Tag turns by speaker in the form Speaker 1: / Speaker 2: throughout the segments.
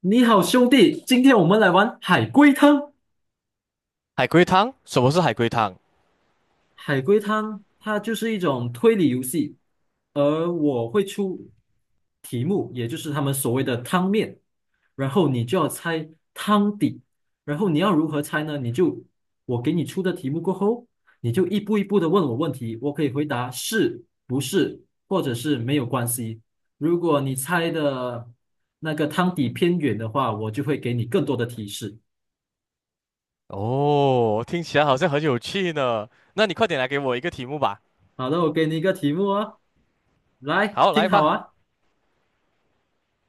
Speaker 1: 你好，兄弟，今天我们来玩海龟汤。
Speaker 2: 海龟汤？什么是海龟汤？
Speaker 1: 海龟汤它就是一种推理游戏，而我会出题目，也就是他们所谓的汤面，然后你就要猜汤底，然后你要如何猜呢？我给你出的题目过后，你就一步一步的问我问题，我可以回答是不是，或者是没有关系。如果你猜的那个汤底偏远的话，我就会给你更多的提示。
Speaker 2: 哦，听起来好像很有趣呢。那你快点来给我一个题目吧。
Speaker 1: 好的，我给你一个题目哦，来，
Speaker 2: 好，
Speaker 1: 听
Speaker 2: 来
Speaker 1: 好
Speaker 2: 吧。
Speaker 1: 啊。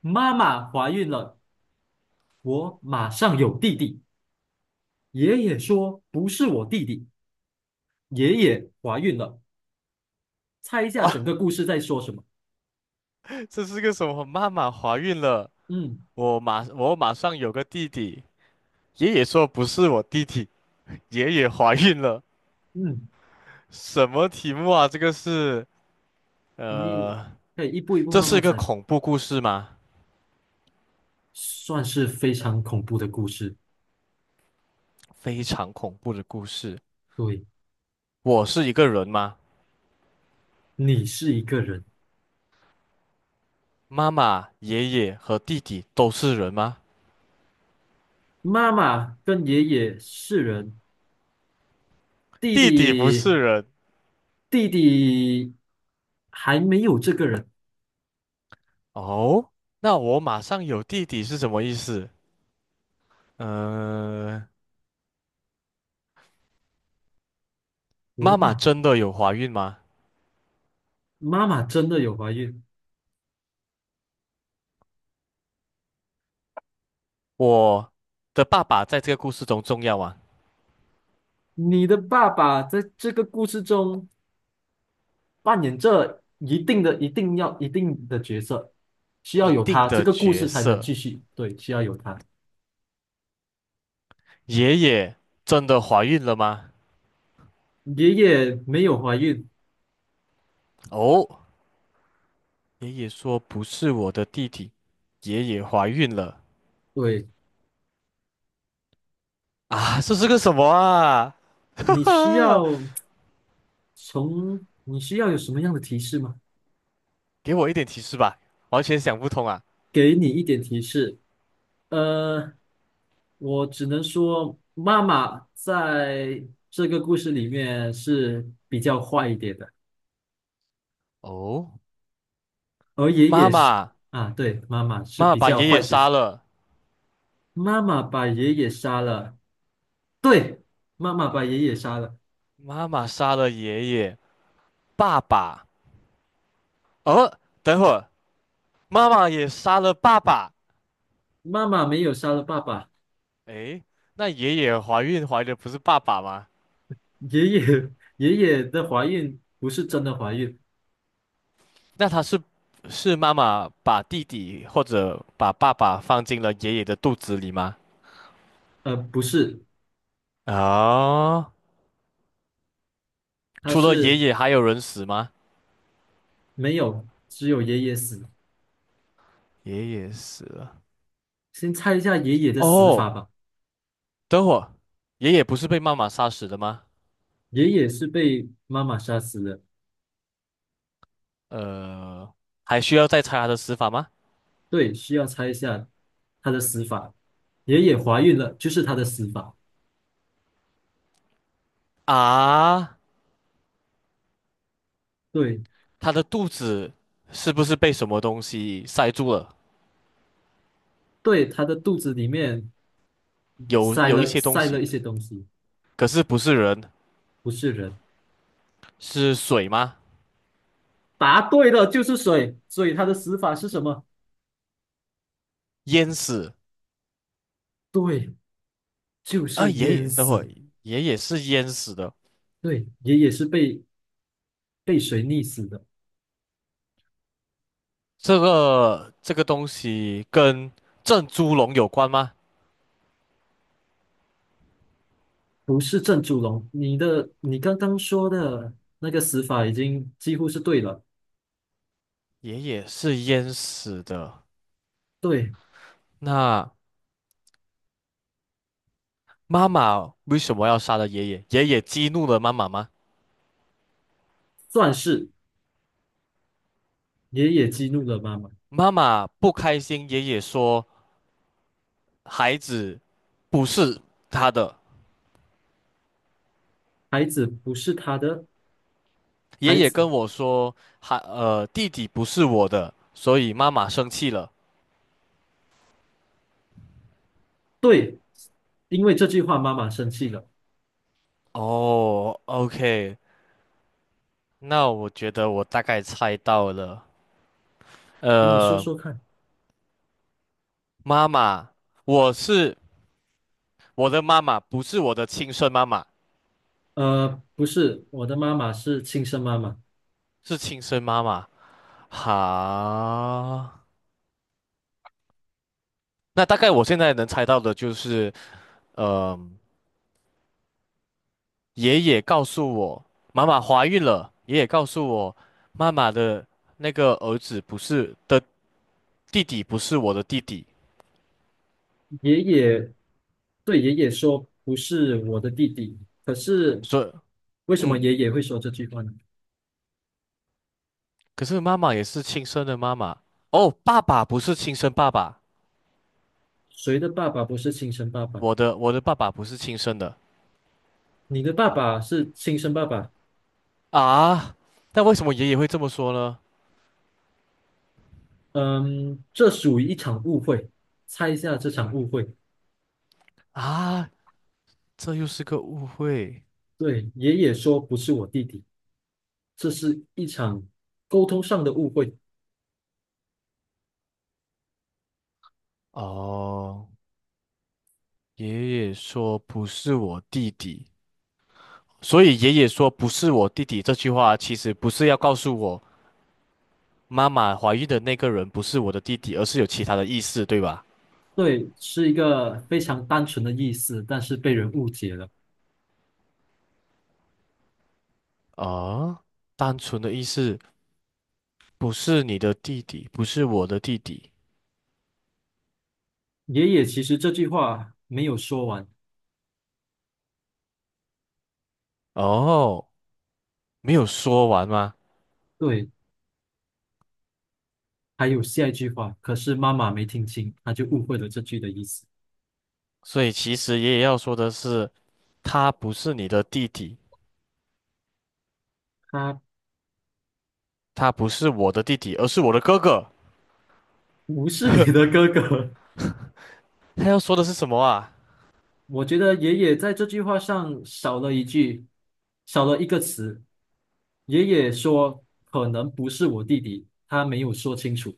Speaker 1: 妈妈怀孕了，我马上有弟弟。爷爷说不是我弟弟，爷爷怀孕了。猜一下
Speaker 2: 哇，
Speaker 1: 整个故事在说什么？
Speaker 2: 这是个什么？妈妈怀孕了，
Speaker 1: 嗯
Speaker 2: 我马上有个弟弟。爷爷说不是我弟弟，爷爷怀孕了。
Speaker 1: 嗯，
Speaker 2: 什么题目啊？
Speaker 1: 你
Speaker 2: 呃，
Speaker 1: 可以一步一步
Speaker 2: 这
Speaker 1: 慢
Speaker 2: 是一
Speaker 1: 慢
Speaker 2: 个
Speaker 1: 猜，
Speaker 2: 恐怖故事吗？
Speaker 1: 算是非常恐怖的故事。
Speaker 2: 非常恐怖的故事。
Speaker 1: 对，
Speaker 2: 我是一个人吗？
Speaker 1: 你是一个人，
Speaker 2: 妈妈、爷爷和弟弟都是人吗？
Speaker 1: 妈妈跟爷爷是人，弟
Speaker 2: 弟弟不
Speaker 1: 弟
Speaker 2: 是人，
Speaker 1: 弟弟还没有这个人。
Speaker 2: 哦，那我马上有弟弟是什么意思？呃，
Speaker 1: 我
Speaker 2: 妈妈
Speaker 1: 马
Speaker 2: 真的有怀孕吗？
Speaker 1: 妈妈真的有怀孕，
Speaker 2: 我的爸爸在这个故事中重要吗？
Speaker 1: 你的爸爸在这个故事中扮演着一定的、一定要、一定的角色，需要
Speaker 2: 一
Speaker 1: 有
Speaker 2: 定
Speaker 1: 他，这
Speaker 2: 的
Speaker 1: 个故
Speaker 2: 角
Speaker 1: 事才能
Speaker 2: 色。
Speaker 1: 继续。对，需要有他。
Speaker 2: 爷爷真的怀孕了吗？
Speaker 1: 爷爷没有怀孕，
Speaker 2: 哦，爷爷说不是我的弟弟，爷爷怀孕了
Speaker 1: 对，
Speaker 2: 啊！这是个什么啊？哈
Speaker 1: 你需
Speaker 2: 哈，
Speaker 1: 要你需要有什么样的提示吗？
Speaker 2: 给我一点提示吧，完全想不通啊。
Speaker 1: 给你一点提示。呃，我只能说，妈妈在这个故事里面是比较坏一点的。
Speaker 2: 哦，
Speaker 1: 而爷
Speaker 2: 妈
Speaker 1: 爷是
Speaker 2: 妈，
Speaker 1: 啊，对，妈妈是
Speaker 2: 妈妈
Speaker 1: 比
Speaker 2: 把
Speaker 1: 较
Speaker 2: 爷
Speaker 1: 坏
Speaker 2: 爷
Speaker 1: 角色。
Speaker 2: 杀了，
Speaker 1: 妈妈把爷爷杀了，对，妈妈把爷爷杀了。
Speaker 2: 妈妈杀了爷爷，爸爸。哦，等会儿，妈妈也杀了爸爸。
Speaker 1: 妈妈没有杀了爸爸，
Speaker 2: 诶，那爷爷怀孕怀的不是爸爸吗？
Speaker 1: 爷爷 爷爷的怀孕不是真的怀孕，
Speaker 2: 那他是是妈妈把弟弟或者把爸爸放进了爷爷的肚子里吗？
Speaker 1: 不是，
Speaker 2: 啊、
Speaker 1: 他
Speaker 2: 除了爷
Speaker 1: 是
Speaker 2: 爷还有人死吗？
Speaker 1: 没有，只有爷爷死。
Speaker 2: 爷爷死了。
Speaker 1: 先猜一下爷爷的死法
Speaker 2: 哦，
Speaker 1: 吧。
Speaker 2: 等会儿，爷爷不是被妈妈杀死的吗？
Speaker 1: 爷爷是被妈妈杀死的，
Speaker 2: 呃，还需要再查他的死法吗？
Speaker 1: 对，需要猜一下他的死法。爷爷怀孕了，就是他的死法。
Speaker 2: 啊，
Speaker 1: 对，
Speaker 2: 他的肚子是不是被什么东西塞住了？
Speaker 1: 对，他的肚子里面。
Speaker 2: 有
Speaker 1: 塞
Speaker 2: 有一
Speaker 1: 了
Speaker 2: 些东西。
Speaker 1: 一些东西，
Speaker 2: 可是不是人，
Speaker 1: 不是人。
Speaker 2: 是水吗？
Speaker 1: 答对了，就是水，所以他的死法是什么？
Speaker 2: 淹死
Speaker 1: 对，就
Speaker 2: 啊！
Speaker 1: 是
Speaker 2: 爷
Speaker 1: 淹
Speaker 2: 爷，等会儿
Speaker 1: 死。
Speaker 2: 爷爷是淹死的。
Speaker 1: 对，爷爷是被被水溺死的，
Speaker 2: 这个东西跟郑猪笼有关吗？
Speaker 1: 不是郑祖龙。你刚刚说的那个死法已经几乎是对了，
Speaker 2: 爷爷是淹死的。
Speaker 1: 对，
Speaker 2: 那妈妈为什么要杀了爷爷？爷爷激怒了妈妈吗？
Speaker 1: 算是爷爷激怒了妈妈，
Speaker 2: 妈妈不开心，爷爷说孩子不是他的。
Speaker 1: 孩子不是他的
Speaker 2: 爷
Speaker 1: 孩
Speaker 2: 爷
Speaker 1: 子，
Speaker 2: 跟我说，弟弟不是我的，所以妈妈生气了。
Speaker 1: 对，因为这句话妈妈生气了。
Speaker 2: 哦，OK，那我觉得我大概猜到了，
Speaker 1: 你说
Speaker 2: 呃，
Speaker 1: 说看，
Speaker 2: 妈妈，我是我的妈妈，不是我的亲生妈妈，
Speaker 1: 呃，不是，我的妈妈是亲生妈妈。
Speaker 2: 是亲生妈妈。好，那大概我现在能猜到的就是，呃，爷爷告诉我妈妈怀孕了，爷爷告诉我妈妈的那个儿子不是的弟弟不是我的弟弟，
Speaker 1: 爷爷对爷爷说不是我的弟弟，可是
Speaker 2: 所以
Speaker 1: 为什么
Speaker 2: 嗯，
Speaker 1: 爷爷会说这句话呢？
Speaker 2: 可是妈妈也是亲生的妈妈，哦，爸爸不是亲生爸爸。
Speaker 1: 谁的爸爸不是亲生爸爸？
Speaker 2: 我的爸爸不是亲生的
Speaker 1: 你的爸爸是亲生爸爸，
Speaker 2: 啊，但为什么爷爷会这么说呢？
Speaker 1: 嗯，这属于一场误会。猜一下这场误会。
Speaker 2: 啊，这又是个误会
Speaker 1: 对，爷爷说不是我弟弟，这是一场沟通上的误会。
Speaker 2: 哦。爷爷说不是我弟弟，所以爷爷说不是我弟弟这句话其实不是要告诉我妈妈怀孕的那个人不是我的弟弟，而是有其他的意思，对吧？
Speaker 1: 对，是一个非常单纯的意思，但是被人误解了。
Speaker 2: 啊，单纯的意思不是你的弟弟，不是我的弟弟。
Speaker 1: 爷爷其实这句话没有说完。
Speaker 2: 哦，没有说完吗？
Speaker 1: 对，还有下一句话，可是妈妈没听清，她就误会了这句的意思。
Speaker 2: 所以其实爷爷要说的是。他不是你的弟弟，
Speaker 1: 他
Speaker 2: 他不是我的弟弟，而是我的哥哥。
Speaker 1: 不是你的哥哥。
Speaker 2: 他要说的是什么啊？
Speaker 1: 我觉得爷爷在这句话上少了一句，少了一个词。爷爷说可能不是我弟弟，他没有说清楚。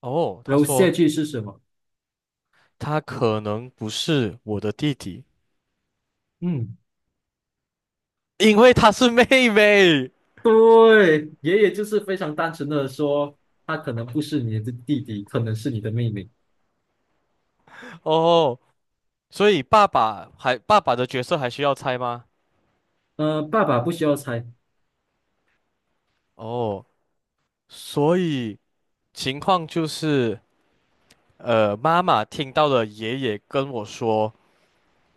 Speaker 2: 哦，
Speaker 1: 然
Speaker 2: 他
Speaker 1: 后下
Speaker 2: 说
Speaker 1: 句是什么？
Speaker 2: 他可能不是我的弟弟，
Speaker 1: 嗯，
Speaker 2: 因为他是妹妹。
Speaker 1: 对，爷爷就是非常单纯的说，他可能不是你的弟弟，可能是你的妹妹。
Speaker 2: 哦，所以爸爸的角色还需要猜吗？
Speaker 1: 呃，爸爸不需要猜。
Speaker 2: 哦，所以情况就是，妈妈听到了爷爷跟我说，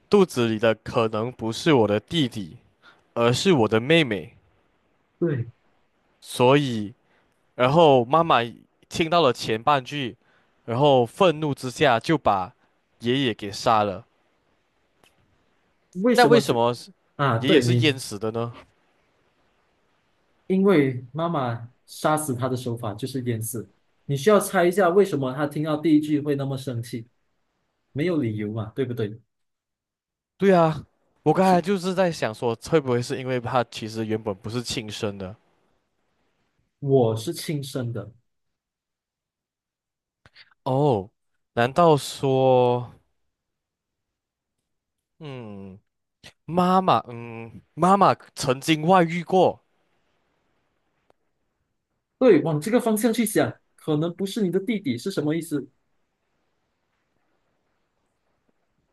Speaker 2: 肚子里的可能不是我的弟弟，而是我的妹妹，
Speaker 1: 对，
Speaker 2: 所以。然后妈妈听到了前半句，然后愤怒之下就把爷爷给杀了。
Speaker 1: 为
Speaker 2: 那
Speaker 1: 什
Speaker 2: 为
Speaker 1: 么
Speaker 2: 什
Speaker 1: 这？
Speaker 2: 么是
Speaker 1: 啊，
Speaker 2: 爷爷
Speaker 1: 对
Speaker 2: 是
Speaker 1: 你。
Speaker 2: 淹死的呢？
Speaker 1: 因为妈妈杀死他的手法就是淹死。你需要猜一下为什么他听到第一句会那么生气，没有理由嘛，对不对？
Speaker 2: 对啊，我刚才
Speaker 1: 是，
Speaker 2: 就是在想说，会不会是因为他其实原本不是亲生的？
Speaker 1: 我是亲生的。
Speaker 2: 哦，难道说，嗯，妈妈，嗯，妈妈曾经外遇过，
Speaker 1: 对，往这个方向去想，可能不是你的弟弟是什么意思？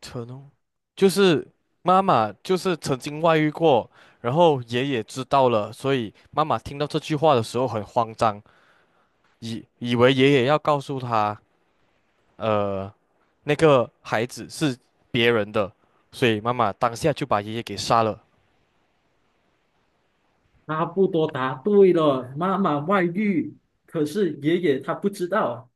Speaker 2: 曾，就是妈妈就是曾经外遇过，然后爷爷知道了，所以妈妈听到这句话的时候很慌张。以为爷爷要告诉他，呃，那个孩子是别人的，所以妈妈当下就把爷爷给杀了。
Speaker 1: 阿布多答对了，妈妈外遇，可是爷爷他不知道。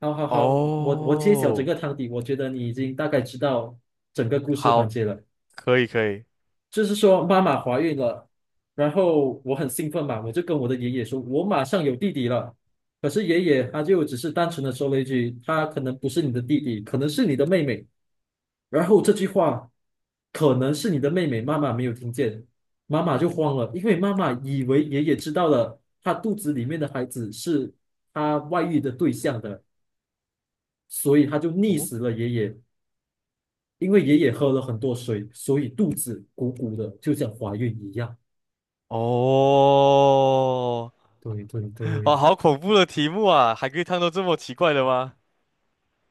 Speaker 1: 好好好，我揭晓整
Speaker 2: 哦，
Speaker 1: 个汤底，我觉得你已经大概知道整个故事环
Speaker 2: 好，
Speaker 1: 节了。
Speaker 2: 可以。
Speaker 1: 就是说妈妈怀孕了，然后我很兴奋嘛，我就跟我的爷爷说，我马上有弟弟了。可是爷爷他就只是单纯的说了一句，他可能不是你的弟弟，可能是你的妹妹。然后这句话可能是你的妹妹，妈妈没有听见，妈妈就慌了，因为妈妈以为爷爷知道了她肚子里面的孩子是她外遇的对象的，所以她就溺
Speaker 2: 哦，
Speaker 1: 死了爷爷。因为爷爷喝了很多水，所以肚子鼓鼓的，就像怀孕一样。
Speaker 2: 哦，
Speaker 1: 对对对，
Speaker 2: 哇，好恐怖的题目啊！还可以看到这么奇怪的吗？